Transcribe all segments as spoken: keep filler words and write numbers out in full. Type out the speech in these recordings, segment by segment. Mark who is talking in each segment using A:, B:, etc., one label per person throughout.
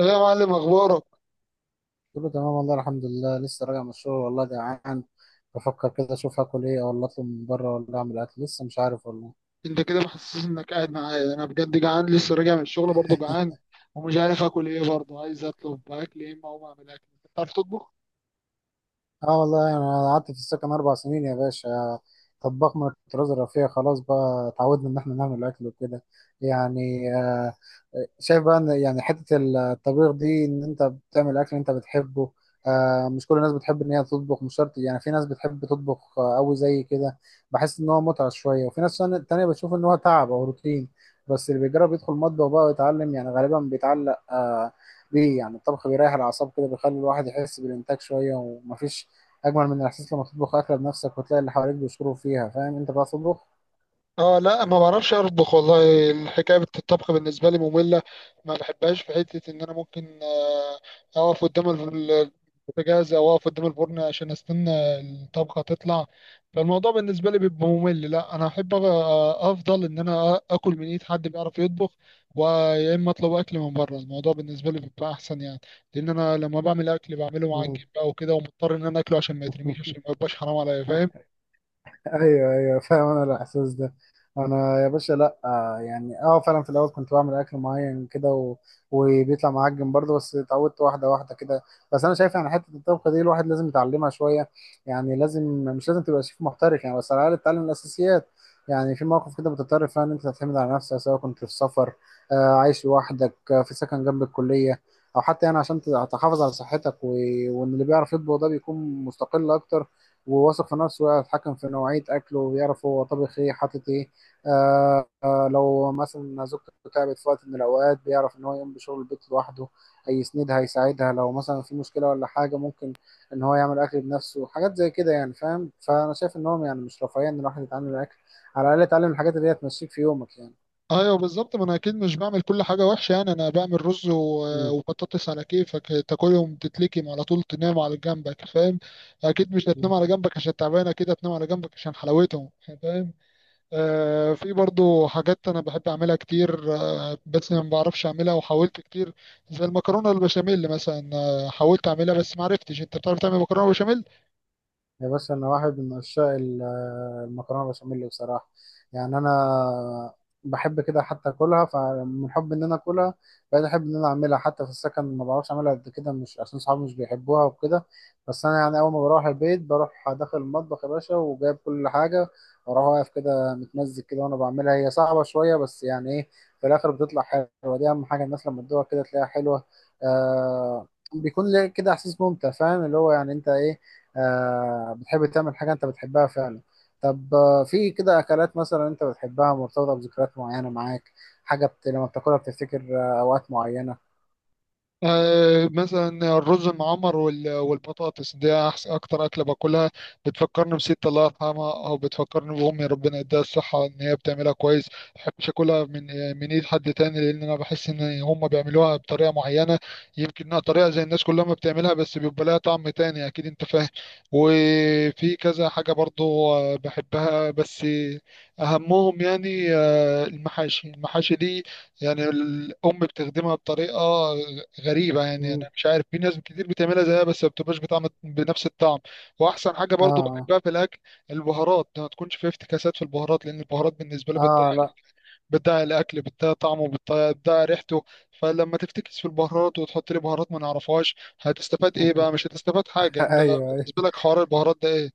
A: يا معلم، اخبارك؟
B: قلت له تمام، والله الحمد لله، لسه راجع من الشغل والله جعان. بفكر كده اشوف هاكل ايه، ولا اطلب من بره، ولا اعمل اكل، لسه مش عارف والله.
A: انت كده محسس انك قاعد معايا، انا بجد جعان لسه راجع من الشغل برضه جعان، ومش عارف اكل ايه، برضه عايز اطلب اكل ايه، ما هو اعمل اكل. انت بتعرف تطبخ؟
B: اه والله، يعني انا قعدت في السكن اربع سنين يا باشا. طباخ من الطراز الرفيع، خلاص بقى اتعودنا ان احنا نعمل اكل وكده. يعني آه، شايف بقى ان، يعني، حته الطبيخ دي، ان انت بتعمل اكل انت بتحبه. آه، مش كل الناس بتحب ان هي تطبخ، مش شرط يعني. في ناس بتحب تطبخ آه، قوي زي كده، بحس ان هو متعه شويه. وفي ناس تانية تانية بتشوف ان هو تعب او روتين. بس اللي بيجرب يدخل مطبخ بقى ويتعلم، يعني غالبا بيتعلق آه، بيه. يعني الطبخ بيريح الاعصاب كده، بيخلي الواحد يحس بالانتاج شويه. ومفيش اجمل من الاحساس لما تطبخ اكله بنفسك وتلاقي اللي حواليك بيشكروا فيها. فاهم انت بقى تطبخ؟
A: اه لا، ما بعرفش اطبخ والله. الحكايه بت- الطبخ بالنسبه لي ممله، ما بحبهاش. في حته ان انا ممكن آه، اقف قدام ال- البوتاجاز او اقف قدام الفرن عشان استنى الطبخه تطلع، فالموضوع بالنسبه لي بيبقى ممل. لا انا احب أ- افضل ان انا أ- اكل من ايد حد بيعرف يطبخ، ويا اما اطلب اكل من بره، الموضوع بالنسبه لي بيبقى احسن يعني، لان انا لما بعمل اكل بعمله
B: مم.
A: معجن بقى وكده، ومضطر ان انا اكله عشان ما يترميش، عشان ما يبقاش حرام عليا، فاهم؟
B: ايوه ايوه، فاهم انا الاحساس ده. انا يا باشا، لا آه، يعني اه فعلا في الاول كنت بعمل اكل معين كده و... وبيطلع معجن برضه. بس اتعودت واحده واحده كده. بس انا شايف يعني حته الطبخه دي الواحد لازم يتعلمها شويه. يعني لازم، مش لازم تبقى شيف محترف يعني، بس على الاقل تتعلم الاساسيات. يعني في مواقف كده بتضطر فيها ان انت تعتمد على نفسك، سواء كنت في سفر، آه، عايش لوحدك، آه، في سكن جنب الكليه، او حتى يعني عشان تحافظ على صحتك و... وان اللي بيعرف يطبخ ده بيكون مستقل اكتر، وواثق في نفسه، ويعرف يتحكم في نوعية أكله، ويعرف هو طبخ إيه حاطط إيه. آه آه لو مثلا زوجته تعبت في وقت من الأوقات، بيعرف إن هو يقوم بشغل البيت لوحده، هيسندها هيساعدها لو مثلا في مشكلة ولا حاجة. ممكن إن هو يعمل أكل بنفسه، حاجات زي كده يعني. فاهم؟ فأنا شايف إن هو، يعني، مش رفاهية إن الواحد يتعلم الأكل، على الأقل يتعلم الحاجات اللي هي تمشيك في يومك يعني.
A: ايوه بالظبط، ما انا اكيد مش بعمل كل حاجه وحشه، يعني انا بعمل رز و-
B: مم.
A: وبطاطس، على كيفك تاكلهم تتلكم على طول، تنام على جنبك، فاهم؟ اكيد مش هتنام
B: مم.
A: على جنبك عشان تعبان، اكيد هتنام على جنبك عشان حلاوتهم، فاهم؟ آه، في برضو حاجات انا بحب اعملها كتير، آه بس ما بعرفش اعملها، وحاولت كتير، زي المكرونه البشاميل مثلا، آه حاولت اعملها بس ما عرفتش. انت بتعرف تعمل مكرونه بشاميل؟
B: يا باشا، انا واحد من عشاق ال- المكرونه بشاميل بصراحه. يعني انا بحب كده حتى اكلها، فمن حب ان انا اكلها بقيت احب ان انا اعملها. حتى في السكن ما بعرفش اعملها قد كده، مش عشان صحابي مش بيحبوها وكده، بس انا يعني اول ما بروح البيت بروح داخل المطبخ يا باشا وجايب كل حاجه، واروح واقف كده متمزج كده وانا بعملها. هي صعبه شويه بس يعني ايه، في الاخر بتطلع حلوه. دي اهم حاجه، الناس لما تدوقها كده تلاقيها حلوه. آه بيكون ليه كده احساس ممتع، فاهم؟ اللي هو يعني انت ايه، آه بتحب تعمل حاجة أنت بتحبها فعلا. طب آه في كده أكلات مثلا أنت بتحبها مرتبطة بذكريات معينة معاك، حاجة بت... لما بتاكلها بتفتكر آه أوقات معينة؟
A: آه، مثلا الرز المعمر وال- والبطاطس دي أحس- اكتر اكله باكلها، بتفكرني بست الله يرحمها، او بتفكرني بامي ربنا يديها الصحه، ان هي بتعملها كويس. ما بحبش اكلها من آه، من ايد حد تاني، لان انا بحس ان هم بيعملوها بطريقه معينه، يمكن انها طريقه زي الناس كلها ما بتعملها، بس بيبقى لها طعم تاني اكيد، انت فاهم؟ وفي كذا حاجه برضو آه، بحبها، بس اهمهم يعني آه، المحاشي. المحاشي دي يعني الام بتخدمها بطريقه غريبة، يعني أنا
B: مم.
A: مش عارف، في ناس كتير بتعملها زيها بس ما بتبقاش بطعم، بنفس الطعم. وأحسن حاجة برضو
B: آه.
A: بحبها في الأكل، البهارات ما تكونش فيها افتكاسات في البهارات، لأن البهارات بالنسبة لي
B: آه.
A: بتضيع،
B: آه، لا.
A: بتضيع الأكل، بتضيع طعمه، بتضيع بتضيع ريحته. فلما تفتكس في البهارات وتحط لي بهارات ما نعرفهاش، هتستفاد إيه بقى؟ مش هتستفاد حاجة. أنت
B: أيوه أيوه.
A: بالنسبة لك حوار البهارات ده إيه؟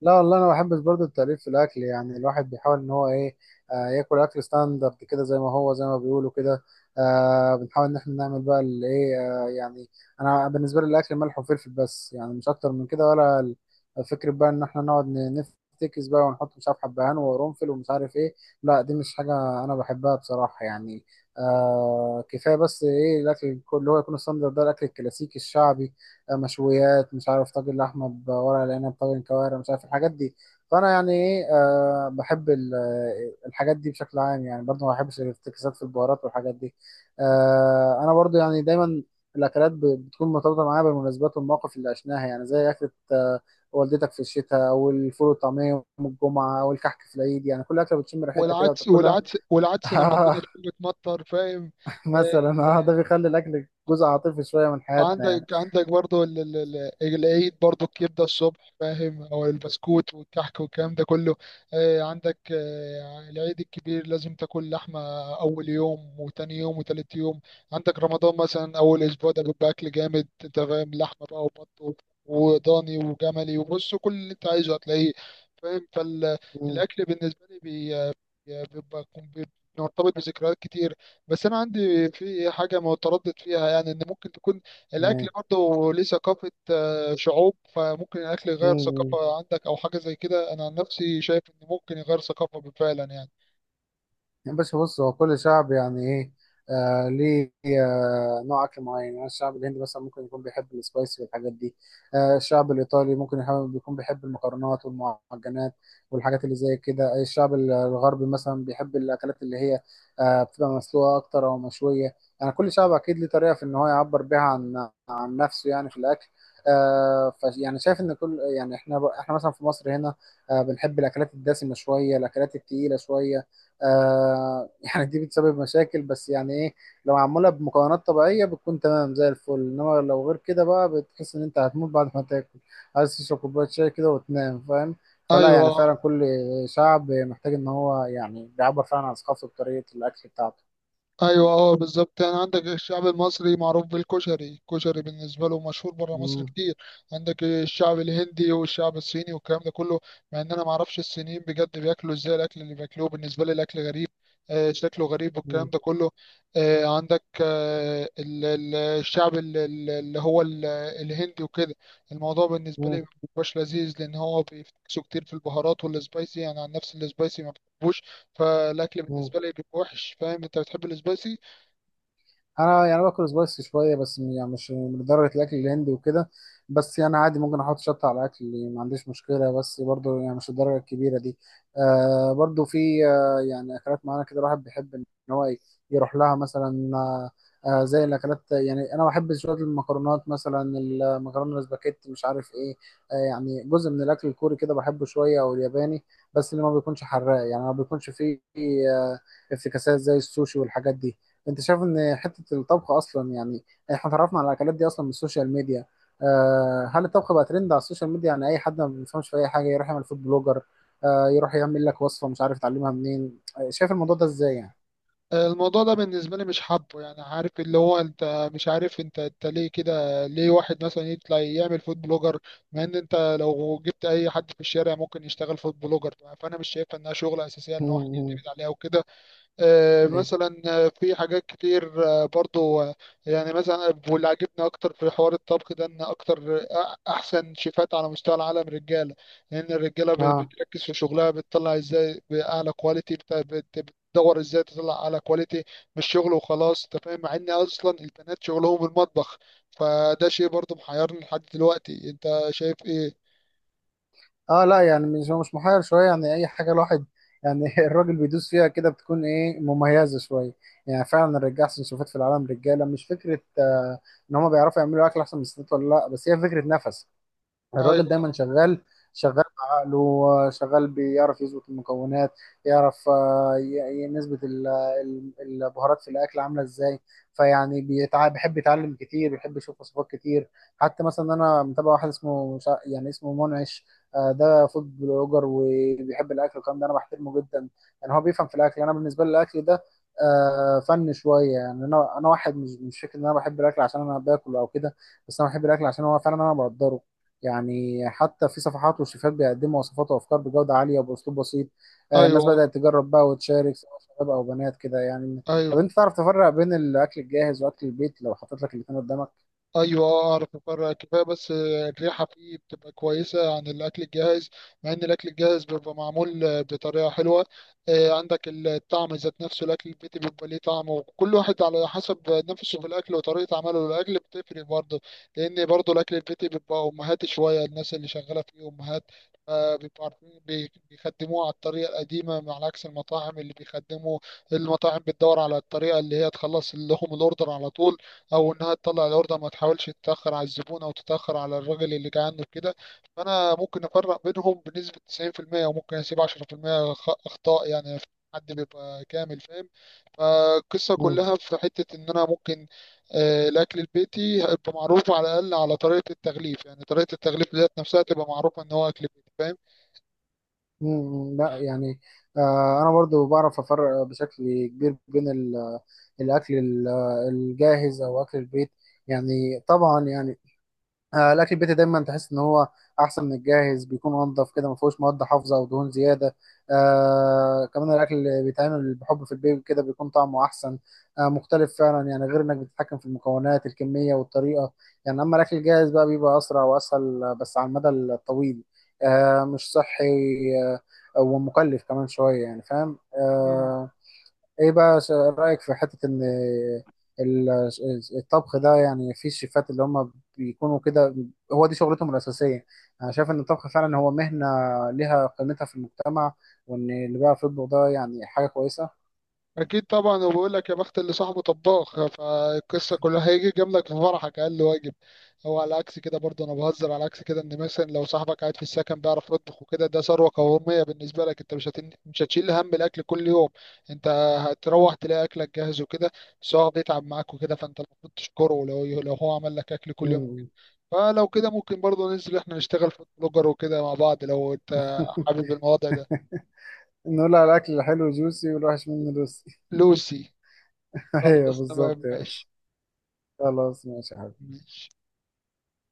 B: لا والله، انا بحب برضه التأليف في الاكل، يعني الواحد بيحاول ان هو ايه، آه ياكل اكل ستاندرد كده زي ما هو، زي ما بيقولوا كده. آه بنحاول ان احنا نعمل بقى الايه، آه يعني انا بالنسبه لي الاكل ملح وفلفل بس، يعني مش اكتر من كده. ولا ال- فكره بقى ان احنا نقعد ن- نفتكس بقى ونحط مش عارف حبهان وقرنفل ومش عارف ايه، لا دي مش حاجه انا بحبها بصراحه يعني. آه كفايه بس ايه الاكل اللي هو يكون ستاندرد ده، الاكل الكلاسيكي الشعبي، مشويات، مش عارف، طاجن لحمه بورق العنب، طاجن كوارع، مش عارف الحاجات دي. فانا يعني ايه، آه بحب ال- آه، الحاجات دي بشكل عام يعني. برضو ما بحبش الافتكاسات في البهارات والحاجات دي. آه انا برضو يعني دايما الاكلات ب- بتكون مرتبطه معايا بالمناسبات والمواقف اللي عشناها، يعني زي اكله آه والدتك في الشتاء، او الفول والطعميه يوم الجمعه، او الكحك في العيد. يعني كل اكله بتشم ريحتها كده
A: والعدس
B: وتاكلها.
A: والعدس والعدس لما
B: آه
A: الدنيا تكون بتمطر، فاهم؟
B: مثلا.
A: آه،
B: اه ده
A: آه.
B: بيخلي الاكل جزء عاطفي شويه من حياتنا يعني.
A: عندك عندك برضو ال- ال- ال- العيد برضو، الكبدة الصبح فاهم، أو البسكوت والكحك والكلام ده كله. آه، عندك آه، العيد الكبير لازم تاكل لحمة أول يوم وتاني يوم وتالت يوم. عندك رمضان مثلا، أول أسبوع ده بيبقى أكل جامد، أنت فاهم، لحمة بقى وبط وضاني وجملي، وبص كل اللي أنت عايزه هتلاقيه، فاهم؟
B: مم.
A: فالأكل بالنسبة لي بي- بيبقى بيبقى مرتبط بذكريات كتير. بس انا عندي في حاجه متردد فيها، يعني ان ممكن تكون الاكل
B: مم.
A: برضه ليه ثقافه آه، شعوب، فممكن الاكل يغير
B: مم.
A: ثقافه عندك او حاجه زي كده. انا عن نفسي شايف ان ممكن يغير ثقافه فعلا يعني.
B: يا باشا بص، هو كل شعب يعني ايه، آه ليه آه، نوع اكل معين. يعني الشعب الهندي مثلا ممكن يكون بيحب السبايسي والحاجات دي، آه، الشعب الايطالي ممكن يحب- يكون بيحب المكرونات والمعجنات والحاجات اللي زي كده. الشعب الغربي مثلا بيحب الاكلات اللي هي آه، بتبقى مسلوقه اكتر او مشويه. يعني كل شعب اكيد ليه طريقه في ان هو يعبر بيها عن عن نفسه يعني في الاكل. آه، ف يعني شايف ان كل، يعني، احنا احنا مثلا في مصر هنا آه، بنحب الاكلات الدسمه شويه، الاكلات التقيله شويه. آه يعني دي بتسبب مشاكل بس يعني ايه. لو معمولة بمكونات طبيعية بتكون تمام زي الفل، إنما لو غير كده بقى بتحس إن أنت هتموت بعد ما تاكل، عايز تشرب كوباية شاي كده وتنام، فاهم؟ فلا يعني فعلا
A: ايوه،
B: كل شعب محتاج إن هو يعني بيعبر فعلا عن ثقافته بطريقة الأكل بتاعته.
A: ايوه اه بالظبط، يعني عندك الشعب المصري معروف بالكشري، الكشري بالنسبه له مشهور بره مصر
B: مم.
A: كتير. عندك الشعب الهندي والشعب الصيني والكلام ده كله، مع ان انا ما اعرفش الصينيين بجد بياكلوا ازاي، الاكل اللي بياكلوه بالنسبه لي الاكل غريب، آه شكله غريب
B: مم.
A: والكلام ده كله. آه عندك آه ال- ال- الشعب ال- ال- اللي هو ال- الهندي وكده، الموضوع بالنسبه
B: مم.
A: لي مبيبقاش لذيذ، لان هو بيفتكسوا كتير في البهارات والسبايسي، يعني عن نفس السبايسي ما بحبوش، فالاكل
B: مم.
A: بالنسبه لي بيبقى وحش، فاهم؟ انت بتحب السبايسي؟
B: انا يعني باكل سبايسي شويه، بس م- يعني مش من درجه الاكل الهندي وكده. بس يعني عادي ممكن احط شطه على الاكل يعني، ما عنديش مشكله، بس برضو يعني مش الدرجه الكبيره دي. آه برضو في آه يعني اكلات معينه كده الواحد بيحب ان هو ي- يروح لها مثلا آه آه زي الاكلات. يعني انا بحب شويه المكرونات مثلا، المكرونه الاسباجيتي مش عارف ايه، آه يعني جزء من الاكل الكوري كده بحبه شويه، او الياباني، بس اللي ما بيكونش حراق، يعني ما بيكونش فيه آه افتكاسات زي السوشي والحاجات دي. انت شايف ان حته الطبخ اصلا يعني احنا اتعرفنا على الاكلات دي اصلا من السوشيال ميديا؟ آه هل الطبخ بقى ترند على السوشيال ميديا؟ يعني اي حد ما بيفهمش في اي حاجه يروح يعمل فود بلوجر، آه يروح يعمل لك وصفه مش عارف يتعلمها منين. آه شايف الموضوع ده ازاي يعني؟
A: آه، الموضوع ده بالنسبه لي مش حابه يعني، عارف اللي هو انت مش عارف، انت انت ليه كده، ليه واحد مثلا يطلع يعمل فود بلوجر؟ مع ان انت لو جبت اي حد في الشارع ممكن يشتغل فود بلوجر، فانا مش شايفها انها شغله اساسيه ان هو واحد
B: مم.
A: يعتمد عليها وكده. آه،
B: ايوه
A: مثلا آه، في حاجات كتير آه، برضو آه، يعني مثلا، واللي عجبني اكتر في حوار الطبخ ده، ان اكتر آه، احسن شيفات على مستوى العالم رجاله، لان الرجاله بت-
B: اه.
A: بتركز في شغلها، بتطلع ازاي باعلى كواليتي، بت- بت- بتدور ازاي تطلع اعلى كواليتي من الشغل وخلاص، انت فاهم. مع ان اصلا البنات شغلهم المطبخ، فده شيء برضو محيرني لحد دلوقتي. انت شايف ايه؟
B: اه لا يعني، مش، هو مش محير شويه يعني. اي حاجه الواحد يعني الراجل بيدوس فيها كده بتكون ايه، مميزه شويه. يعني فعلا الرجاله احسن شوفات في العالم رجاله، مش فكره آه ان هم بيعرفوا يعملوا اكل احسن من الستات ولا لا، بس هي فكره نفس الراجل، دايما
A: ايوه،
B: شغال، شغال بعقله، شغال بيعرف يظبط المكونات. يعرف آه، ي- ي- نسبة ال- ال- البهارات في الأكل عاملة إزاي. فيعني بيتع... بيحب يتعلم كتير، بيحب يشوف وصفات كتير. حتى مثلا أنا متابع واحد اسمه مش ع- يعني اسمه منعش، آه، ده فود بلوجر وبيحب الأكل والكلام ده. أنا بحترمه جدا يعني، هو بيفهم في الأكل. أنا بالنسبة لي الأكل ده آه، فن شوية يعني. أنا أنا واحد مش، مش فكرة إن أنا بحب الأكل عشان أنا باكل أو كده، بس أنا بحب الأكل عشان هو فعلا أنا بقدره يعني. حتى في صفحات وشيفات بيقدموا وصفات وافكار بجوده عاليه وباسلوب بسيط. آه، الناس
A: ايوه،
B: بدات تجرب بقى وتشارك، سواء شباب او بنات كده يعني. طب
A: ايوه،
B: انت تعرف تفرق بين الاكل الجاهز واكل البيت لو حطيت لك الاثنين قدامك؟
A: ايوه. آه، اعرف افرق كفايه، بس آه، الريحه فيه بتبقى كويسه عن الاكل الجاهز، مع ان الاكل الجاهز بيبقى معمول آه، بطريقه حلوه. آه، عندك الطعم ذات نفسه، الاكل البيتي بيبقى ليه طعم، وكل واحد على حسب نفسه في الاكل، وطريقه عمله للاكل بتفرق برضه، لان برضه الاكل البيتي بيبقى امهات شويه، الناس اللي شغاله فيه امهات، آه، بيبقوا عارفين بي- بيخدموه على الطريقه القديمه، على عكس المطاعم اللي بيخدموا. المطاعم بتدور على الطريقه اللي هي تخلص لهم الاوردر على طول، او انها تطلع الاوردر ما تحاولش تتاخر على الزبون او تتاخر على الراجل اللي جاي عنده كده. فانا ممكن افرق بينهم بنسبه تسعين في المية، وممكن اسيب عشرة في المية خ- اخطاء يعني، حد بيبقى كامل فاهم. فالقصه
B: مم.
A: كلها في حته ان انا ممكن آه، الاكل البيتي هيبقى معروف على الاقل على طريقه التغليف، يعني طريقه التغليف ديت نفسها تبقى معروفه ان هو اكل بيتي، فاهم؟
B: مم، لا يعني آه، انا برضو بعرف افرق بشكل كبير بين ال- الاكل ال- الجاهز او اكل البيت. يعني طبعا يعني آه، الاكل البيتي دايما تحس ان هو احسن من الجاهز، بيكون انضف كده، ما فيهوش مواد حافظه او دهون زياده. آه كمان الاكل اللي بيتعمل بحب في البيت كده بيكون طعمه احسن، آه مختلف فعلا يعني، غير انك بتتحكم في المكونات، الكميه والطريقه يعني. اما الاكل الجاهز بقى بيبقى اسرع واسهل، آه، بس على المدى الطويل آه مش صحي، آه ومكلف كمان شويه يعني، فاهم؟ آه ايه بقى س- رأيك في حتة ان ال- الطبخ ده، يعني في الشيفات اللي هم بيكونوا كده هو دي شغلتهم الأساسية؟ انا شايف ان الطبخ فعلا هو مهنة ليها قيمتها في المجتمع، وان اللي بيعرف يطبخ ده يعني حاجة كويسة.
A: اكيد طبعا، وبقول لك يا بخت اللي صاحبه طباخ، فالقصه كلها هيجي جنبك في فرحك اقل واجب، هو على عكس كده برضه انا بهزر. على عكس كده، ان مثلا لو صاحبك قاعد في السكن بيعرف يطبخ وكده، ده ثروه قوميه بالنسبه لك، انت مش هتن... مش هتشيل هم الاكل كل يوم، انت هتروح تلاقي اكلك جاهز وكده، بس هو بيتعب معاك وكده، فانت المفروض تشكره لو لو هو عمل لك اكل كل يوم.
B: مم.
A: فلو كده ممكن برضه ننزل احنا نشتغل في بلوجر وكده مع بعض، لو انت حابب الموضوع ده.
B: نقول على الأكل الحلو جوسي والوحش منه لوسي.
A: لوسي.
B: ايوه
A: خلاص
B: بالظبط
A: تمام
B: يا باشا.
A: ماشي.
B: خلاص ماشي يا حبيبي.
A: ماشي.